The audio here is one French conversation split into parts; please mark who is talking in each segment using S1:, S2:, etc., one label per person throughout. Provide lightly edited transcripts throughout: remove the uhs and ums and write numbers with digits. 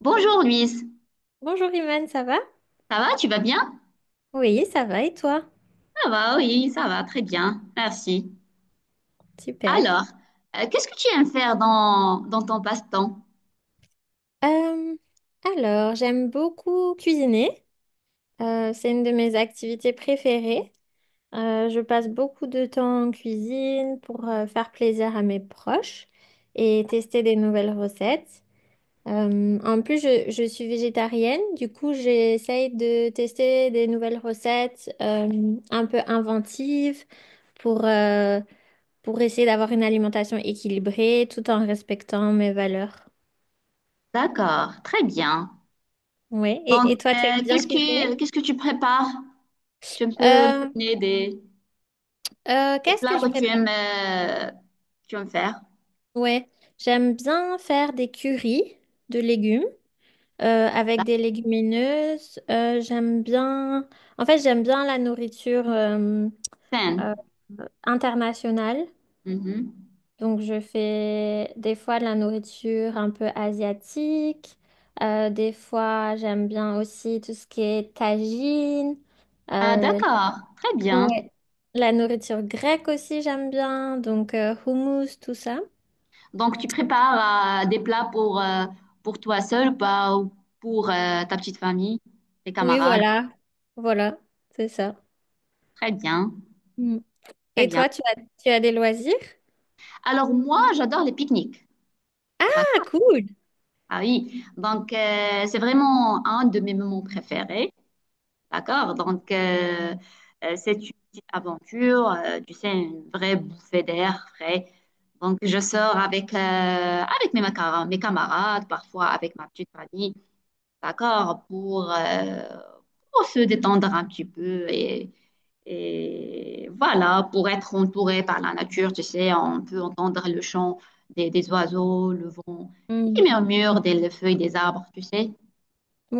S1: Bonjour Louise,
S2: Bonjour Imane, ça va?
S1: ça va, tu vas bien?
S2: Oui, ça va et toi?
S1: Ça va, oui, ça va, très bien, merci.
S2: Super.
S1: Alors, qu'est-ce que tu aimes faire dans, ton passe-temps?
S2: Euh, J'aime beaucoup cuisiner. C'est une de mes activités préférées. Je passe beaucoup de temps en cuisine pour faire plaisir à mes proches et tester des nouvelles recettes. En plus, je suis végétarienne, du coup, j'essaye de tester des nouvelles recettes un peu inventives pour, euh, pour essayer d'avoir une alimentation équilibrée tout en respectant mes valeurs.
S1: D'accord, très bien.
S2: Ouais.
S1: Donc,
S2: Et toi, tu aimes bien cuisiner?
S1: qu'est-ce que tu prépares? Tu peux me
S2: Euh,
S1: donner des
S2: Qu'est-ce que
S1: plats
S2: je prépare?
S1: que tu aimes faire?
S2: Ouais, j'aime bien faire des currys de légumes avec des légumineuses. J'aime bien, en fait, j'aime bien la nourriture euh,
S1: Scène.
S2: internationale.
S1: Mhm.
S2: Donc, je fais des fois de la nourriture un peu asiatique. Des fois, j'aime bien aussi tout ce qui est tagine.
S1: Ah,
S2: Euh,
S1: d'accord, très bien.
S2: ouais. La nourriture grecque aussi, j'aime bien. Donc, hummus, tout ça.
S1: Donc, tu prépares des plats pour toi seul ou pas, ou pour ta petite famille, tes
S2: Oui,
S1: camarades?
S2: voilà. Voilà, c'est ça.
S1: Très bien,
S2: Mm.
S1: très
S2: Et
S1: bien.
S2: toi, tu as des loisirs?
S1: Alors moi, j'adore les pique-niques.
S2: Ah,
S1: D'accord?
S2: cool!
S1: Ah oui. Donc, c'est vraiment un de mes moments préférés. D'accord? Donc, c'est une petite aventure, tu sais, une vraie bouffée d'air frais. Donc, je sors avec, avec mes, mes camarades, parfois avec ma petite famille. D'accord? Pour se détendre un petit peu et voilà, pour être entouré par la nature, tu sais, on peut entendre le chant des oiseaux, le vent qui
S2: Mm.
S1: murmure des les feuilles des arbres, tu sais.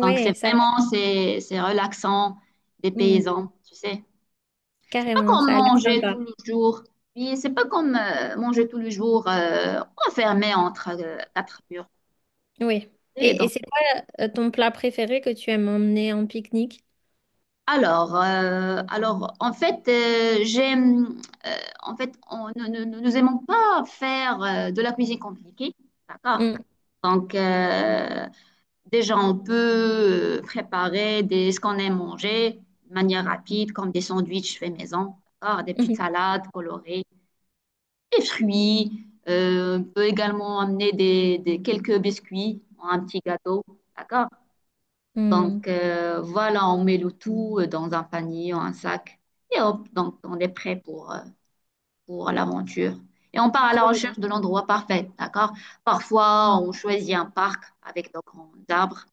S1: Donc c'est
S2: ça a l'air-
S1: vraiment, c'est relaxant des
S2: mm,
S1: paysans, tu sais. C'est pas
S2: carrément,
S1: comme
S2: ça a l'air
S1: manger
S2: sympa.
S1: tout le jour, puis c'est pas comme manger tout le jour enfermé entre quatre murs.
S2: Oui.
S1: Et
S2: Et
S1: donc,
S2: c'est quoi ton plat préféré que tu aimes emmener en pique-nique?
S1: alors, alors, en fait, j'aime, euh, en fait, on, nous, nous, nous aimons pas faire de la cuisine compliquée, d'accord?
S2: Mm,
S1: Donc, déjà, on peut préparer des, ce qu'on aime manger de manière rapide, comme des sandwichs faits maison, d'accord? Des petites
S2: mhm,
S1: salades colorées, des fruits. On peut également amener des, quelques biscuits, un petit gâteau, d'accord? Donc
S2: mm.
S1: voilà, on met le tout dans un panier ou un sac et hop, donc on est prêt pour l'aventure. Et on part à la
S2: Trop
S1: recherche de l'endroit parfait, d'accord? Parfois,
S2: bien.
S1: on choisit un parc avec de grands arbres,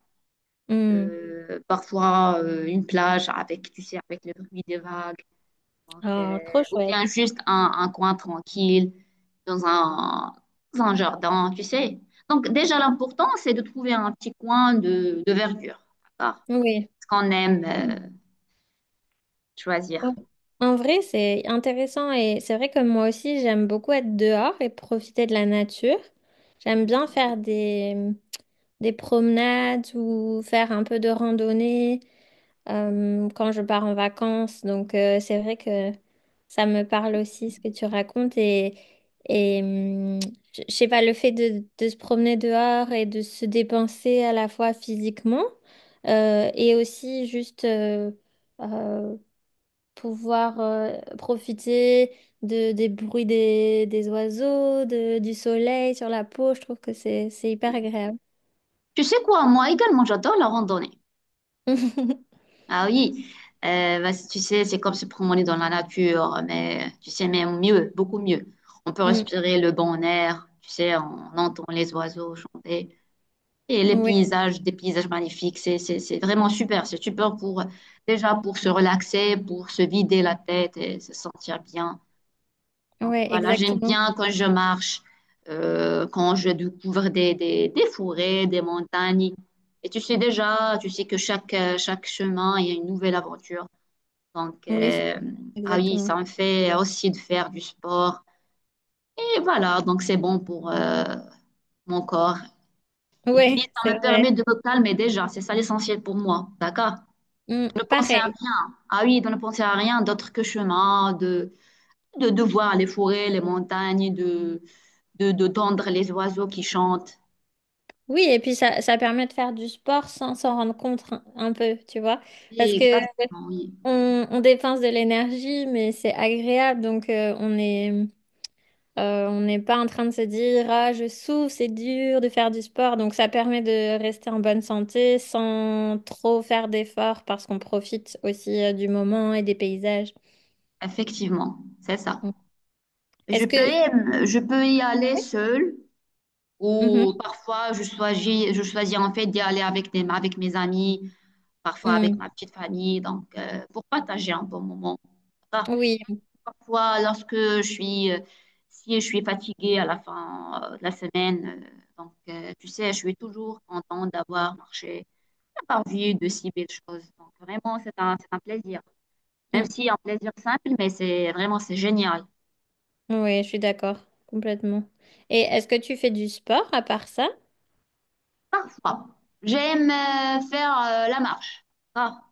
S2: Mm.
S1: parfois une plage avec, tu sais, avec le bruit des vagues, donc,
S2: Ah, trop
S1: ou
S2: chouette.
S1: bien juste un coin tranquille dans un, dans un jardin, tu sais. Donc déjà, l'important, c'est de trouver un petit coin de verdure, d'accord?
S2: Oui.
S1: Ce qu'on aime choisir.
S2: En en vrai, c'est intéressant et c'est vrai que moi aussi, j'aime beaucoup être dehors et profiter de la nature. J'aime bien faire des promenades ou faire un peu de randonnée quand je pars en vacances. Donc, c'est vrai que ça me parle aussi ce que tu racontes. Et hum, je sais pas, le fait de se promener dehors et de se dépenser à la fois physiquement et aussi juste. Euh, pouvoir profiter de, des bruits des oiseaux, de, du soleil sur la peau. Je trouve que c'est hyper agréable.
S1: Tu sais quoi, moi également, j'adore la randonnée. Ah oui, bah, tu sais, c'est comme se promener dans la nature, mais tu sais, mais mieux, beaucoup mieux. On peut
S2: Mm.
S1: respirer le bon air, tu sais, on entend les oiseaux chanter. Et les
S2: Oui,
S1: paysages, des paysages magnifiques, c'est vraiment super. C'est super pour, déjà pour se relaxer, pour se vider la tête et se sentir bien. Donc
S2: ouais,
S1: voilà, j'aime
S2: exactement.
S1: bien quand je marche, quand je découvre des forêts, des montagnes. Et tu sais déjà, tu sais que chaque, chaque chemin, il y a une nouvelle aventure. Donc,
S2: Oui, c'est-
S1: ah oui,
S2: exactement.
S1: ça me fait aussi de faire du sport. Et voilà, donc c'est bon pour mon corps. Et puis,
S2: Oui,
S1: ça
S2: c'est
S1: me permet
S2: vrai.
S1: de me calmer déjà. C'est ça l'essentiel pour moi. D'accord?
S2: Mm,
S1: De ne penser à,
S2: pareil.
S1: ah oui, de ne penser à rien d'autre que chemin, de voir les forêts, les montagnes, de d'entendre les oiseaux qui chantent.
S2: Oui, et puis ça permet de faire du sport sans s'en rendre compte un peu, tu vois.
S1: Oui,
S2: Parce que
S1: exactement, oui,
S2: on dépense de l'énergie, mais c'est agréable, donc on est... on n'est pas en train de se dire, ah, je souffre, c'est dur de faire du sport. Donc, ça permet de rester en bonne santé sans trop faire d'efforts parce qu'on profite aussi du moment et des paysages.
S1: effectivement, c'est ça.
S2: Mm.
S1: Je
S2: Est-ce
S1: peux,
S2: que...
S1: je peux y aller seule ou
S2: Mhm.
S1: parfois je choisis en fait d'y aller avec des, avec mes amis, parfois avec ma petite famille, donc pour partager un bon moment. Par-
S2: Mm. Oui,
S1: Parfois, lorsque je suis, si je suis fatiguée à la fin de la semaine, donc tu sais, je suis toujours contente d'avoir marché, d'avoir vu de si belles choses. Donc vraiment, c'est un plaisir. Même
S2: Mm.
S1: si en plaisir simple, mais c'est vraiment c'est génial.
S2: Oui, je suis d'accord, complètement. Et est-ce que tu fais du sport à part ça?
S1: Parfois, j'aime faire la marche. Ça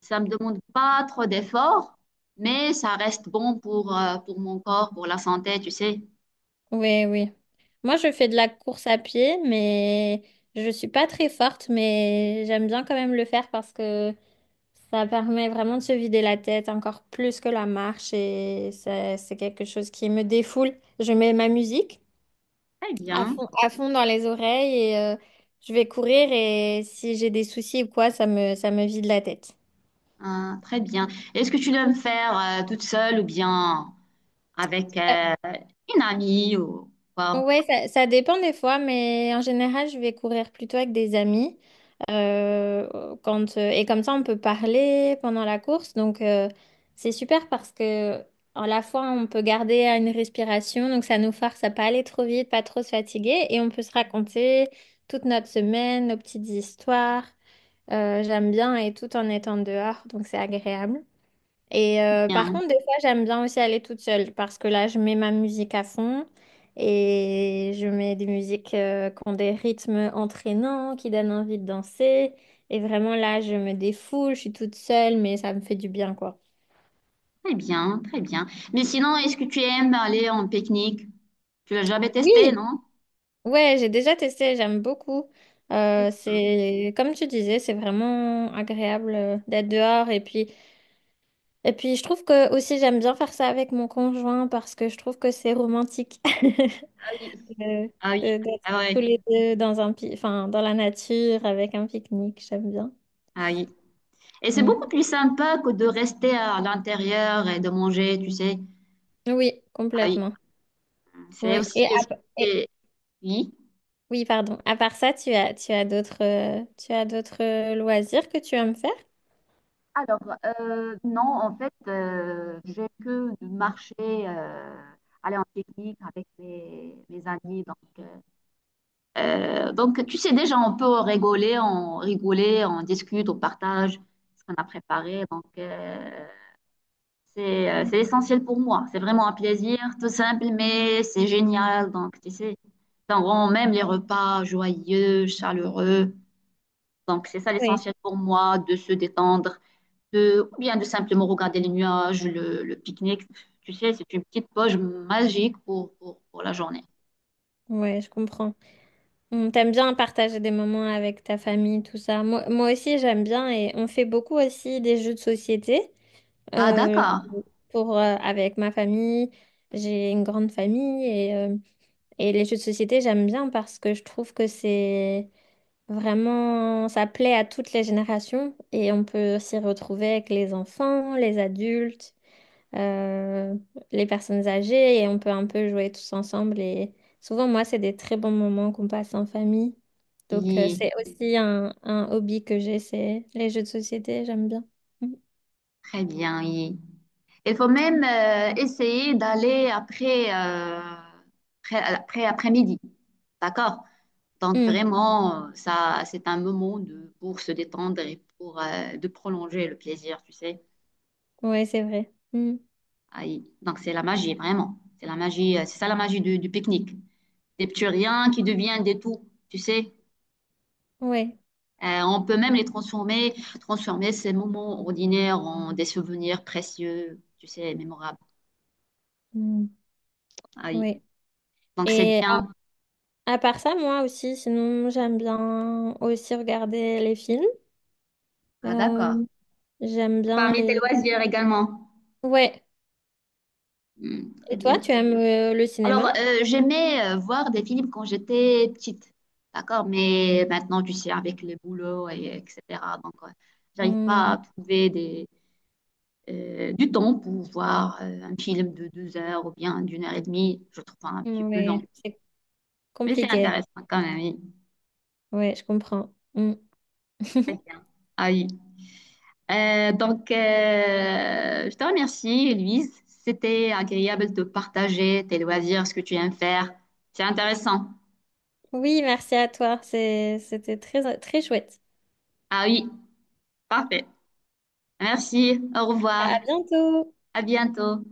S1: ça me demande pas trop d'efforts, mais ça reste bon pour mon corps, pour la santé, tu sais.
S2: Oui, oui. Moi, je fais de la course à pied, mais je suis pas très forte, mais j'aime bien quand même le faire parce que ça permet vraiment de se vider la tête encore plus que la marche et ça- c'est quelque chose qui me défoule. Je mets ma musique
S1: Très bien,
S2: à fond dans les oreilles et je vais courir et si j'ai des soucis ou quoi, ça me vide la tête.
S1: hein, très bien. Est-ce que tu dois me faire toute seule ou bien avec une amie ou quoi?
S2: Ouais, ça dépend des fois, mais en général, je vais courir plutôt avec des amis. Et comme ça, on peut parler pendant la course. Donc, c'est super parce que à la fois, on peut garder une respiration. Donc, ça nous force à pas aller trop vite, pas trop se fatiguer. Et on peut se raconter toute notre semaine, nos petites histoires. J'aime bien et tout en étant dehors. Donc, c'est agréable. Et par
S1: Bien,
S2: contre, des fois, j'aime bien aussi aller toute seule parce que là, je mets ma musique à fond et je mets des musiques qui ont des rythmes entraînants, qui donnent envie de danser. Et vraiment, là, je me défoule, je suis toute seule, mais ça me fait du bien, quoi.
S1: très bien, très bien. Mais sinon, est-ce que tu aimes aller en pique-nique? Tu l'as jamais testé,
S2: Oui,
S1: non?
S2: ouais, j'ai déjà testé, j'aime beaucoup.
S1: Ah
S2: C'est comme tu disais, c'est vraiment agréable d'être dehors et puis je trouve que aussi j'aime bien faire ça avec mon conjoint parce que je trouve que c'est romantique.
S1: oui,
S2: de,
S1: ah oui,
S2: d'être
S1: ah
S2: tous
S1: ouais,
S2: les deux dans enfin, dans la nature avec un pique-nique, j'aime bien.
S1: ah oui. Et c'est
S2: Mm.
S1: beaucoup plus sympa que de rester à l'intérieur et de manger, tu sais.
S2: Oui,
S1: Ah oui,
S2: complètement.
S1: c'est
S2: Oui.
S1: aussi, je sais- oui.
S2: Oui, pardon. À part ça, tu as d'autres loisirs que tu aimes faire?
S1: Alors, non, en fait, j'ai que marché, aller en pique-nique avec mes, mes amis. Donc, tu sais, déjà, on peut rigoler, on rigoler, on discute, on partage ce qu'on a préparé. Donc, c'est c'est essentiel pour moi. C'est vraiment un plaisir, tout simple, mais c'est génial. Donc, tu sais, ça rend même les repas joyeux, chaleureux. Donc, c'est ça
S2: Oui.
S1: l'essentiel pour moi, de se détendre, de, ou bien de simplement regarder les nuages, le pique-nique. Tu sais, c'est une petite poche magique pour la journée.
S2: Oui, je comprends. On t'aime bien partager des moments avec ta famille, tout ça. Moi, moi aussi, j'aime bien et on fait beaucoup aussi des jeux de société
S1: Ah,
S2: euh,
S1: d'accord.
S2: avec ma famille. J'ai une grande famille et les jeux de société, j'aime bien parce que je trouve que c'est vraiment, ça plaît à toutes les générations et on peut s'y retrouver avec les enfants, les adultes euh, les personnes âgées et on peut un peu jouer tous ensemble. Et souvent, moi, c'est des très bons moments qu'on passe en famille. Donc,
S1: Oui,
S2: c'est aussi un hobby que j'ai, c'est les jeux de société, j'aime bien. Mm.
S1: très bien, oui. Il faut même essayer d'aller après, après, après-midi. D'accord? Donc
S2: Mm.
S1: vraiment, ça, c'est un moment de, pour se détendre et pour de prolonger le plaisir, tu sais.
S2: Ouais, c'est vrai. Mm.
S1: Ah, donc c'est la magie, vraiment. C'est la magie, c'est ça la magie du pique-nique. Des petits riens qui deviennent des tout, tu sais.
S2: Ouais.
S1: On peut même les transformer, transformer ces moments ordinaires en des souvenirs précieux, tu sais, mémorables.
S2: Mm.
S1: Ah oui.
S2: Ouais.
S1: Donc c'est
S2: Et
S1: bien.
S2: à part ça, moi aussi, sinon, j'aime bien aussi regarder les films.
S1: Ah d'accord.
S2: Euh, j'aime bien
S1: Parmi tes
S2: les...
S1: loisirs également.
S2: Ouais.
S1: Hmm, très
S2: Et toi,
S1: bien.
S2: tu aimes le
S1: Alors,
S2: cinéma?
S1: j'aimais voir des films quand j'étais petite, d'accord? Mais maintenant, tu sais, avec le boulot, et, etc. Donc, j'arrive pas
S2: Mm.
S1: à trouver des, du temps pour voir un film de 2 heures ou bien d'1 heure et demie. Je trouve ça un petit peu long.
S2: Ouais, c'est
S1: Mais c'est
S2: compliqué.
S1: intéressant quand même, oui.
S2: Ouais, je comprends. Mm.
S1: Très bien. Ah oui. Donc, je te remercie, Louise. C'était agréable de partager tes loisirs, ce que tu aimes faire. C'est intéressant.
S2: Oui, merci à toi. C'est- c'était très, très chouette.
S1: Ah oui, parfait. Merci, au revoir.
S2: À bientôt.
S1: À bientôt.